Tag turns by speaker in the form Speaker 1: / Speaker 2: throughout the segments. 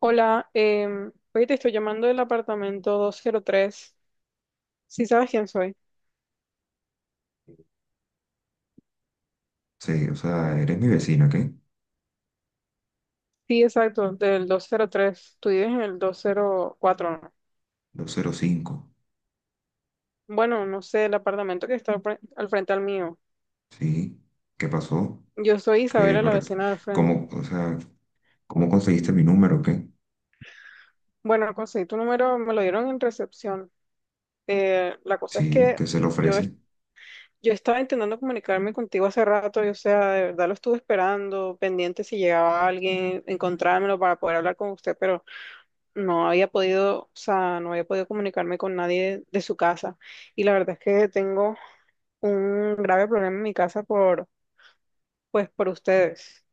Speaker 1: Hola, oye, te estoy llamando del apartamento 203. ¿Sí sabes quién soy?
Speaker 2: Sí, o sea, eres mi vecina, ¿qué?
Speaker 1: Sí, exacto, del 203. Tú vives en el 204, ¿no?
Speaker 2: Doscientos cinco.
Speaker 1: Bueno, no sé, el apartamento que está al frente al mío.
Speaker 2: Sí. ¿Qué pasó?
Speaker 1: Yo soy
Speaker 2: ¿Qué,
Speaker 1: Isabela, la
Speaker 2: para, qué-
Speaker 1: vecina del frente.
Speaker 2: cómo, o sea, ¿Cómo conseguiste mi número, qué?
Speaker 1: Bueno, conseguí tu número, me lo dieron en recepción. La cosa es
Speaker 2: Sí,
Speaker 1: que
Speaker 2: ¿qué se le
Speaker 1: yo, es-
Speaker 2: ofrece?
Speaker 1: yo estaba intentando comunicarme contigo hace rato, y, o sea, de verdad lo estuve esperando, pendiente si llegaba alguien, encontrármelo para poder hablar con usted, pero no había podido, o sea, no había podido comunicarme con nadie de su casa. Y la verdad es que tengo un grave problema en mi casa por, pues, por ustedes.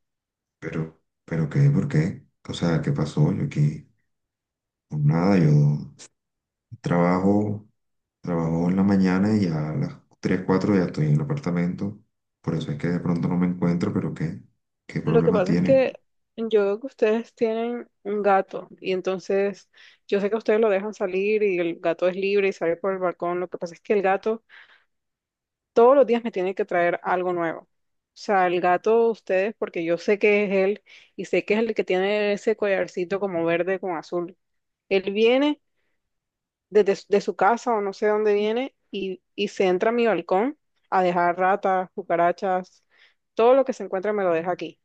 Speaker 2: Pero qué, ¿por qué? O sea, ¿qué pasó? Yo aquí, pues nada, trabajo, trabajo en la mañana y ya a las 3 4 ya estoy en el apartamento. Por eso es que de pronto no me encuentro, pero ¿qué? ¿Qué
Speaker 1: Lo que
Speaker 2: problema
Speaker 1: pasa es
Speaker 2: tiene?
Speaker 1: que yo veo que ustedes tienen un gato y entonces yo sé que ustedes lo dejan salir y el gato es libre y sale por el balcón. Lo que pasa es que el gato todos los días me tiene que traer algo nuevo. O sea, el gato, ustedes, porque yo sé que es él y sé que es el que tiene ese collarcito como verde con azul. Él viene de su casa o no sé dónde viene y, se entra a mi balcón a dejar ratas, cucarachas, todo lo que se encuentra me lo deja aquí.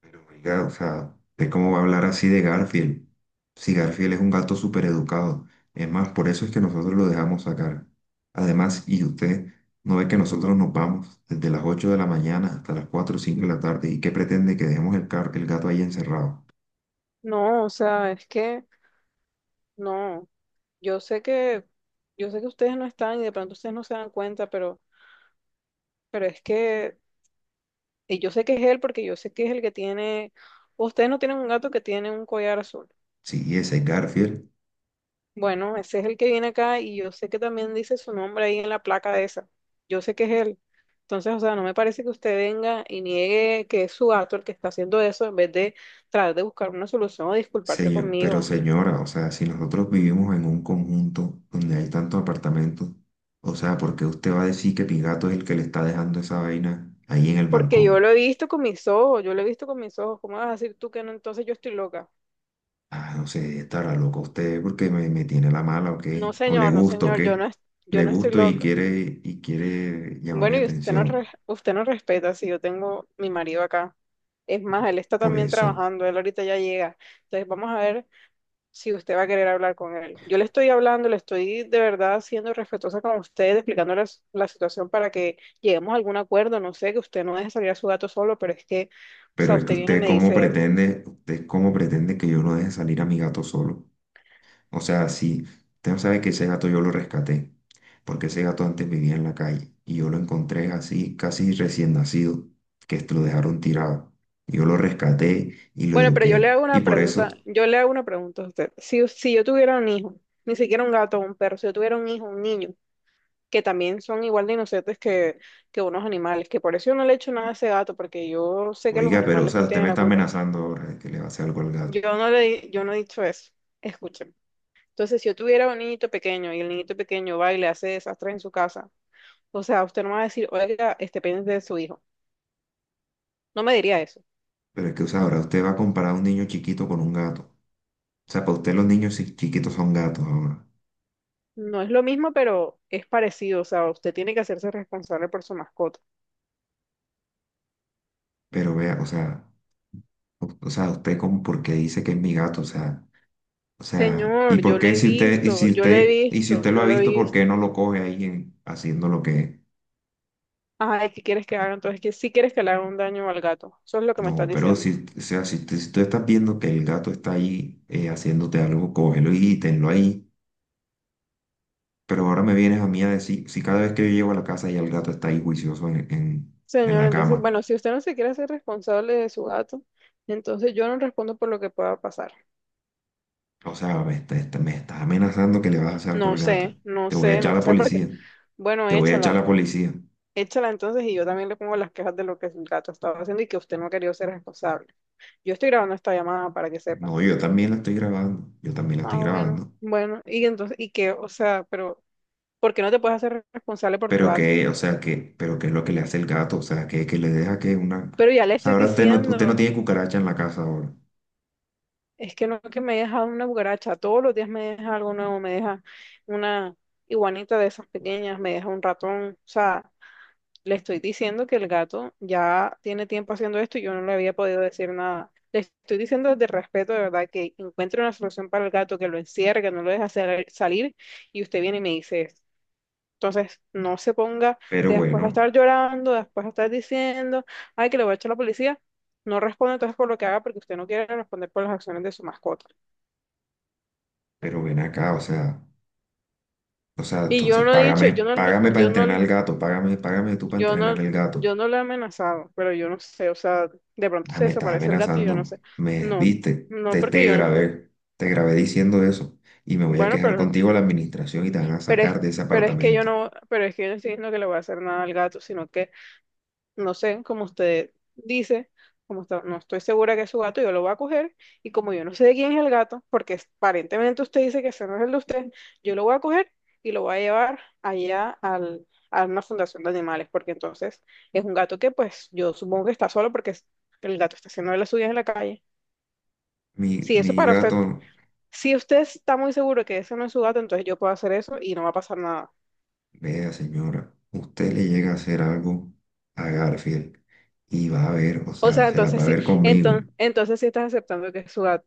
Speaker 2: Pero oiga, o sea, ¿de cómo va a hablar así de Garfield? Si Garfield es un gato súper educado. Es más, por eso es que nosotros lo dejamos sacar. Además, y usted no ve que nosotros nos vamos desde las 8 de la mañana hasta las 4 o 5 de la tarde. ¿Y qué pretende que dejemos el gato ahí encerrado?
Speaker 1: No, o sea, es que no, yo sé que, yo sé que ustedes no están y de pronto ustedes no se dan cuenta, pero es que y yo sé que es él porque yo sé que es el que tiene, ustedes no tienen un gato que tiene un collar azul.
Speaker 2: Sí, ese es Garfield.
Speaker 1: Bueno, ese es el que viene acá y yo sé que también dice su nombre ahí en la placa de esa. Yo sé que es él. Entonces, o sea, no me parece que usted venga y niegue que es su gato el que está haciendo eso en vez de tratar de buscar una solución o disculparse
Speaker 2: Pero
Speaker 1: conmigo.
Speaker 2: señora, o sea, si nosotros vivimos en un conjunto donde hay tantos apartamentos, o sea, ¿por qué usted va a decir que mi gato es el que le está dejando esa vaina ahí en el
Speaker 1: Porque yo
Speaker 2: balcón?
Speaker 1: lo he visto con mis ojos, yo lo he visto con mis ojos. ¿Cómo vas a decir tú que no? Entonces yo estoy loca.
Speaker 2: Ah, no sé, estará loco usted porque me tiene la mala o
Speaker 1: No,
Speaker 2: qué, o le
Speaker 1: señor, no,
Speaker 2: gusto o
Speaker 1: señor,
Speaker 2: qué,
Speaker 1: yo
Speaker 2: le
Speaker 1: no estoy
Speaker 2: gusto
Speaker 1: loca.
Speaker 2: y quiere llamar mi
Speaker 1: Bueno, y
Speaker 2: atención
Speaker 1: usted no respeta si yo tengo mi marido acá. Es más, él está
Speaker 2: por
Speaker 1: también
Speaker 2: eso.
Speaker 1: trabajando, él ahorita ya llega. Entonces, vamos a ver si usted va a querer hablar con él. Yo le estoy hablando, le estoy de verdad siendo respetuosa con usted, explicándoles la situación para que lleguemos a algún acuerdo. No sé, que usted no deje salir a su gato solo, pero es que, o
Speaker 2: Pero
Speaker 1: sea,
Speaker 2: es que
Speaker 1: usted viene y me dice esto.
Speaker 2: usted cómo pretende que yo no deje salir a mi gato solo. O sea, si usted no sabe que ese gato yo lo rescaté, porque ese gato antes vivía en la calle y yo lo encontré así, casi recién nacido, que lo dejaron tirado. Yo lo rescaté y lo
Speaker 1: Bueno, pero yo le
Speaker 2: eduqué.
Speaker 1: hago
Speaker 2: Y
Speaker 1: una
Speaker 2: por eso.
Speaker 1: pregunta, yo le hago una pregunta a usted. Si yo tuviera un hijo, ni siquiera un gato o un perro, si yo tuviera un hijo, un niño, que también son igual de inocentes que unos animales, que por eso yo no le echo nada a ese gato, porque yo sé que los
Speaker 2: Oiga, pero o
Speaker 1: animales
Speaker 2: sea,
Speaker 1: no
Speaker 2: usted me
Speaker 1: tienen la
Speaker 2: está
Speaker 1: culpa.
Speaker 2: amenazando ahora de que le va a hacer algo al gato.
Speaker 1: Yo no he dicho eso. Escuchen. Entonces, si yo tuviera un niñito pequeño y el niñito pequeño va y le hace desastres en su casa, o sea, usted no me va a decir, oiga, este pendiente de su hijo. No me diría eso.
Speaker 2: Pero es que, o sea, ahora usted va a comparar a un niño chiquito con un gato. O sea, para usted los niños chiquitos son gatos ahora.
Speaker 1: No es lo mismo, pero es parecido. O sea, usted tiene que hacerse responsable por su mascota.
Speaker 2: Pero vea, o sea, o sea, usted como por qué dice que es mi gato, o sea, y
Speaker 1: Señor,
Speaker 2: por
Speaker 1: yo lo
Speaker 2: qué
Speaker 1: he
Speaker 2: si usted,
Speaker 1: visto, yo lo he
Speaker 2: y si
Speaker 1: visto,
Speaker 2: usted lo
Speaker 1: yo
Speaker 2: ha
Speaker 1: lo he
Speaker 2: visto, ¿por qué
Speaker 1: visto.
Speaker 2: no lo coge ahí en- haciendo lo que
Speaker 1: Ay, ¿qué quieres que haga? Entonces, que sí quieres que le haga un daño al gato. Eso es lo que me estás
Speaker 2: no? Pero
Speaker 1: diciendo.
Speaker 2: si, o sea, si, si tú estás viendo que el gato está ahí haciéndote algo, cógelo y tenlo ahí. Pero ahora me vienes a mí a decir, si cada vez que yo llego a la casa y el gato está ahí juicioso en
Speaker 1: Señor,
Speaker 2: la
Speaker 1: entonces,
Speaker 2: cama.
Speaker 1: bueno, si usted no se quiere hacer responsable de su gato, entonces yo no respondo por lo que pueda pasar.
Speaker 2: O sea, me estás amenazando que le vas a hacer algo
Speaker 1: No
Speaker 2: al gato.
Speaker 1: sé, no
Speaker 2: Te voy a
Speaker 1: sé,
Speaker 2: echar
Speaker 1: no
Speaker 2: a la
Speaker 1: sé, por qué.
Speaker 2: policía,
Speaker 1: Bueno,
Speaker 2: te voy a echar
Speaker 1: échala.
Speaker 2: a la policía.
Speaker 1: Échala entonces y yo también le pongo las quejas de lo que el gato estaba haciendo y que usted no ha querido ser responsable. Yo estoy grabando esta llamada para que sepa.
Speaker 2: No, yo también la estoy grabando, yo también la
Speaker 1: Ah,
Speaker 2: estoy
Speaker 1: bueno,
Speaker 2: grabando.
Speaker 1: bueno, y entonces, y que, o sea, pero, ¿por qué no te puedes hacer responsable por tu
Speaker 2: Pero
Speaker 1: gato?
Speaker 2: que, o sea, que, pero qué es lo que le hace el gato, o sea, que le deja que una.
Speaker 1: Pero ya le
Speaker 2: O sea,
Speaker 1: estoy
Speaker 2: ahora usted no
Speaker 1: diciendo,
Speaker 2: tiene cucaracha en la casa ahora.
Speaker 1: es que no que me deja una cucaracha, todos los días me deja algo nuevo, me deja una iguanita de esas pequeñas, me deja un ratón, o sea, le estoy diciendo que el gato ya tiene tiempo haciendo esto y yo no le había podido decir nada. Le estoy diciendo desde el respeto, de verdad, que encuentre una solución para el gato, que lo encierre, que no lo salir, y usted viene y me dice esto. Entonces, no se ponga
Speaker 2: Pero
Speaker 1: después a
Speaker 2: bueno,
Speaker 1: estar llorando, después a estar diciendo, ay, que le voy a echar a la policía. No responde entonces por lo que haga porque usted no quiere responder por las acciones de su mascota.
Speaker 2: pero ven acá, o sea,
Speaker 1: Y yo
Speaker 2: entonces
Speaker 1: no he dicho,
Speaker 2: págame,
Speaker 1: yo no, lo-
Speaker 2: págame para
Speaker 1: yo no
Speaker 2: entrenar al gato, págame, págame tú para
Speaker 1: Yo
Speaker 2: entrenar
Speaker 1: no,
Speaker 2: al gato.
Speaker 1: yo no lo he amenazado, pero yo no sé, o sea, de pronto
Speaker 2: Ah,
Speaker 1: se
Speaker 2: me estás
Speaker 1: desaparece el gato y yo no
Speaker 2: amenazando,
Speaker 1: sé.
Speaker 2: me
Speaker 1: No,
Speaker 2: viste,
Speaker 1: no
Speaker 2: te,
Speaker 1: porque yo no.
Speaker 2: te grabé diciendo eso y me voy a
Speaker 1: Bueno,
Speaker 2: quejar
Speaker 1: pero, no,
Speaker 2: contigo a la administración y te van a
Speaker 1: pero es,
Speaker 2: sacar de ese
Speaker 1: pero es que yo
Speaker 2: apartamento.
Speaker 1: no, pero es que yo no estoy diciendo que le voy a hacer nada al gato, sino que no sé, como usted dice, no estoy segura que es su gato, yo lo voy a coger y como yo no sé de quién es el gato, aparentemente usted dice que ese no es el de usted, yo lo voy a coger y lo voy a llevar a una fundación de animales, porque entonces es un gato que pues yo supongo que está solo el gato está haciendo de las suyas en la calle.
Speaker 2: Mi,
Speaker 1: Si
Speaker 2: mi
Speaker 1: eso para usted,
Speaker 2: gato,
Speaker 1: si usted está muy seguro que ese no es su gato, entonces yo puedo hacer eso y no va a pasar nada.
Speaker 2: vea señora, usted le llega a hacer algo a Garfield y va a ver, o
Speaker 1: O
Speaker 2: sea,
Speaker 1: sea,
Speaker 2: se las va
Speaker 1: entonces
Speaker 2: a
Speaker 1: sí,
Speaker 2: ver conmigo.
Speaker 1: entonces, entonces sí estás aceptando que es su gato.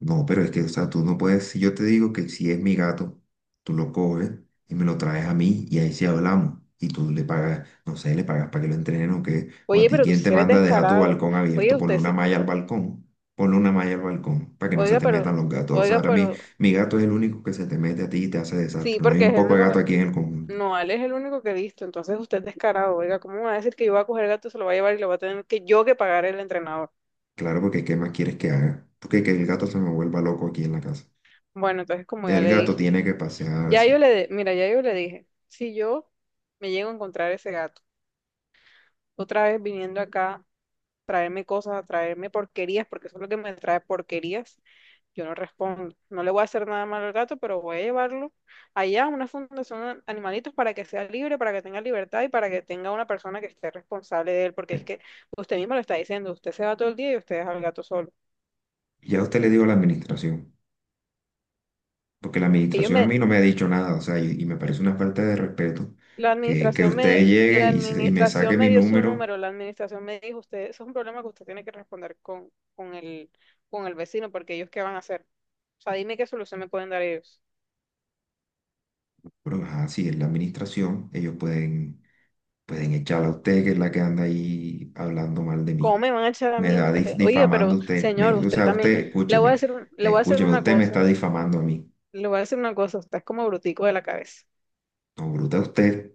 Speaker 2: No, pero es que, o sea, tú no puedes, si yo te digo que si es mi gato, tú lo coges y me lo traes a mí y ahí sí hablamos. Y tú le pagas, no sé, le pagas para que lo entrenen o qué. O a
Speaker 1: Oye,
Speaker 2: ti,
Speaker 1: pero tú
Speaker 2: ¿quién te
Speaker 1: sí eres
Speaker 2: manda a dejar tu
Speaker 1: descarado.
Speaker 2: balcón
Speaker 1: Oye,
Speaker 2: abierto? Ponle una malla al balcón. Ponle una malla al balcón para que no se
Speaker 1: oiga,
Speaker 2: te
Speaker 1: pero,
Speaker 2: metan los gatos. O sea,
Speaker 1: oiga,
Speaker 2: ahora
Speaker 1: pero,
Speaker 2: mi gato es el único que se te mete a ti y te hace
Speaker 1: sí,
Speaker 2: desastre. No hay
Speaker 1: porque
Speaker 2: un
Speaker 1: es el
Speaker 2: poco de
Speaker 1: único,
Speaker 2: gato aquí en el conjunto.
Speaker 1: no, Ale es el único que he visto, entonces usted es descarado. Oiga, ¿cómo me va a decir que yo voy a coger el gato, se lo va a llevar y lo va a tener que yo que pagar el entrenador?
Speaker 2: Claro, porque ¿qué más quieres que haga? ¿Tú qué, que el gato se me vuelva loco aquí en la casa?
Speaker 1: Bueno, entonces como ya
Speaker 2: El
Speaker 1: le
Speaker 2: gato
Speaker 1: dije,
Speaker 2: tiene que pasearse.
Speaker 1: mira, ya yo le dije, si yo me llego a encontrar ese gato, otra vez viniendo acá traerme cosas, traerme porquerías, porque eso es lo que me trae porquerías, yo no respondo. No le voy a hacer nada malo al gato, pero voy a llevarlo allá a una fundación de animalitos para que sea libre, para que tenga libertad y para que tenga una persona que esté responsable de él, porque es que usted mismo lo está diciendo, usted se va todo el día y usted deja al gato solo.
Speaker 2: Ya usted le digo a la administración. Porque la
Speaker 1: Ellos
Speaker 2: administración a
Speaker 1: me,
Speaker 2: mí no me ha dicho nada, o sea, y me parece una falta de respeto que usted llegue
Speaker 1: la
Speaker 2: y me saque
Speaker 1: administración me
Speaker 2: mi
Speaker 1: dio su
Speaker 2: número,
Speaker 1: número, la administración me dijo, usted, eso es un problema que usted tiene que responder con el vecino, porque ellos qué van a hacer. O sea, dime qué solución me pueden dar ellos.
Speaker 2: pero ajá, si es la administración, ellos pueden, pueden echarla a usted, que es la que anda ahí hablando mal de
Speaker 1: ¿Cómo
Speaker 2: mí.
Speaker 1: me van a echar a
Speaker 2: Me
Speaker 1: mí
Speaker 2: da
Speaker 1: usted? Oiga,
Speaker 2: difamando
Speaker 1: pero
Speaker 2: usted,
Speaker 1: señor,
Speaker 2: me- o
Speaker 1: usted
Speaker 2: sea,
Speaker 1: también.
Speaker 2: usted, escúcheme,
Speaker 1: Le voy a hacer
Speaker 2: escúcheme,
Speaker 1: una
Speaker 2: usted me está
Speaker 1: cosa.
Speaker 2: difamando a mí.
Speaker 1: Le voy a decir una cosa. Usted es como brutico de la cabeza.
Speaker 2: No,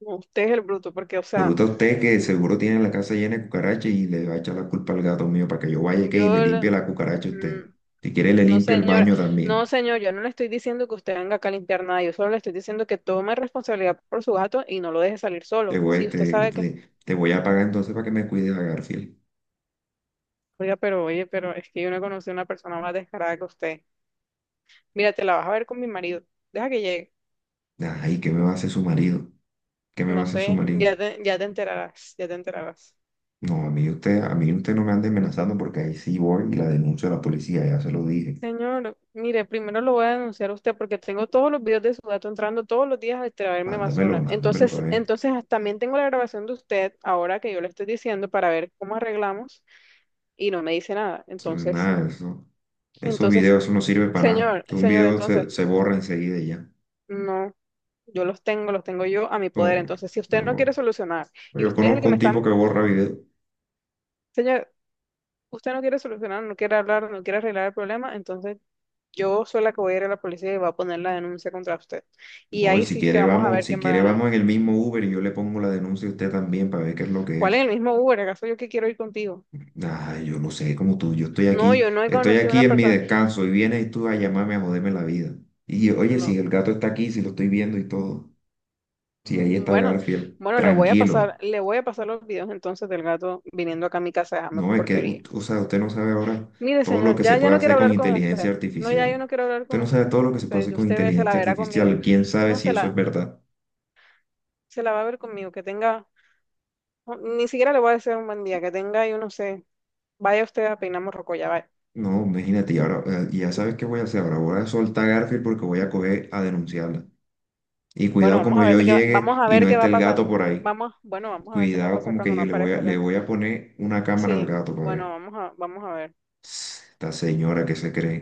Speaker 1: No, usted es el bruto, porque, o sea,
Speaker 2: bruta usted que seguro tiene la casa llena de cucarachas y le va a echar la culpa al gato mío para que yo vaya que y le
Speaker 1: yo.
Speaker 2: limpie
Speaker 1: le-
Speaker 2: la cucaracha a usted.
Speaker 1: mm,
Speaker 2: Si quiere, le
Speaker 1: no,
Speaker 2: limpio el
Speaker 1: señor.
Speaker 2: baño
Speaker 1: No,
Speaker 2: también.
Speaker 1: señor, yo no le estoy diciendo que usted venga acá a limpiar nada. Yo solo le estoy diciendo que tome responsabilidad por su gato y no lo deje salir
Speaker 2: Te
Speaker 1: solo. Sí,
Speaker 2: voy,
Speaker 1: usted sabe que.
Speaker 2: te voy a pagar entonces para que me cuides a Garfield.
Speaker 1: Oiga, pero, oye, pero es que yo no conocí a una persona más descarada que usted. Mira, te la vas a ver con mi marido. Deja que llegue.
Speaker 2: Ay, ¿qué me va a hacer su marido? ¿Qué me va
Speaker 1: No
Speaker 2: a hacer
Speaker 1: sé,
Speaker 2: su marido?
Speaker 1: ya te enterarás, ya te enterarás.
Speaker 2: No, a mí usted no me ande amenazando porque ahí sí voy y la denuncio a la policía, ya se lo dije.
Speaker 1: Señor, mire, primero lo voy a denunciar a usted porque tengo todos los videos de su gato entrando todos los días a extraerme
Speaker 2: Mándamelo,
Speaker 1: basura.
Speaker 2: mándamelo para
Speaker 1: Entonces,
Speaker 2: ver.
Speaker 1: también tengo la grabación de usted ahora que yo le estoy diciendo para ver cómo arreglamos y no me dice nada.
Speaker 2: Eso no es
Speaker 1: Entonces,
Speaker 2: nada, eso, esos
Speaker 1: entonces,
Speaker 2: videos, eso no sirve para nada.
Speaker 1: señor,
Speaker 2: Todo un
Speaker 1: señor,
Speaker 2: video
Speaker 1: entonces,
Speaker 2: se borra enseguida y ya.
Speaker 1: no, yo los tengo yo a mi
Speaker 2: No,
Speaker 1: poder. Entonces, si
Speaker 2: se
Speaker 1: usted no quiere
Speaker 2: borra.
Speaker 1: solucionar y
Speaker 2: Yo
Speaker 1: usted es el que
Speaker 2: conozco
Speaker 1: me
Speaker 2: un tipo
Speaker 1: está,
Speaker 2: que borra videos.
Speaker 1: señor, usted no quiere solucionar, no quiere hablar, no quiere arreglar el problema, entonces yo soy la que voy a ir a la policía y voy a poner la denuncia contra usted. Y
Speaker 2: No, y
Speaker 1: ahí
Speaker 2: si
Speaker 1: sí es que
Speaker 2: quiere
Speaker 1: vamos a
Speaker 2: vamos,
Speaker 1: ver
Speaker 2: si
Speaker 1: quién va a
Speaker 2: quiere
Speaker 1: ganar.
Speaker 2: vamos en el mismo Uber y yo le pongo la denuncia a usted también para ver qué es lo que
Speaker 1: ¿Cuál es el
Speaker 2: es.
Speaker 1: mismo Uber? ¿Acaso yo que quiero ir contigo?
Speaker 2: Ay, yo no sé, como tú, yo
Speaker 1: No, yo no he
Speaker 2: estoy
Speaker 1: conocido a
Speaker 2: aquí
Speaker 1: una
Speaker 2: en mi
Speaker 1: persona.
Speaker 2: descanso y vienes tú a llamarme a joderme la vida. Y oye, si
Speaker 1: No.
Speaker 2: el gato está aquí, si lo estoy viendo y todo, si ahí está
Speaker 1: Bueno,
Speaker 2: Garfield,
Speaker 1: bueno, le voy a pasar,
Speaker 2: tranquilo.
Speaker 1: le voy a pasar los videos entonces del gato viniendo acá a mi casa a dejarme
Speaker 2: No, es que,
Speaker 1: porquería.
Speaker 2: o sea, usted no sabe ahora
Speaker 1: Mire,
Speaker 2: todo lo
Speaker 1: señor,
Speaker 2: que se
Speaker 1: ya
Speaker 2: puede
Speaker 1: no quiero
Speaker 2: hacer con
Speaker 1: hablar con
Speaker 2: inteligencia
Speaker 1: usted. No, ya yo
Speaker 2: artificial.
Speaker 1: no quiero hablar
Speaker 2: Usted
Speaker 1: con
Speaker 2: no sabe todo lo que se puede
Speaker 1: usted.
Speaker 2: hacer con
Speaker 1: Se la
Speaker 2: inteligencia
Speaker 1: verá conmigo.
Speaker 2: artificial. ¿Quién sabe
Speaker 1: No,
Speaker 2: si eso es verdad?
Speaker 1: se la va a ver conmigo. Que tenga, no, ni siquiera le voy a decir un buen día. Que tenga, yo no sé. Vaya usted a peinar morrocoya, vaya.
Speaker 2: No, imagínate, y ahora, ya sabes qué voy a hacer. Ahora voy a soltar a Garfield porque voy a coger a denunciarla. Y
Speaker 1: Bueno,
Speaker 2: cuidado como yo
Speaker 1: vamos
Speaker 2: llegue
Speaker 1: a
Speaker 2: y
Speaker 1: ver
Speaker 2: no
Speaker 1: qué va
Speaker 2: esté
Speaker 1: a
Speaker 2: el
Speaker 1: pasar.
Speaker 2: gato por ahí.
Speaker 1: Vamos a ver qué va a
Speaker 2: Cuidado,
Speaker 1: pasar
Speaker 2: como que
Speaker 1: cuando no
Speaker 2: yo
Speaker 1: aparezca el
Speaker 2: le
Speaker 1: gato.
Speaker 2: voy a poner una cámara al
Speaker 1: Sí,
Speaker 2: gato,
Speaker 1: bueno,
Speaker 2: padre.
Speaker 1: vamos a ver.
Speaker 2: Esta señora que se cree.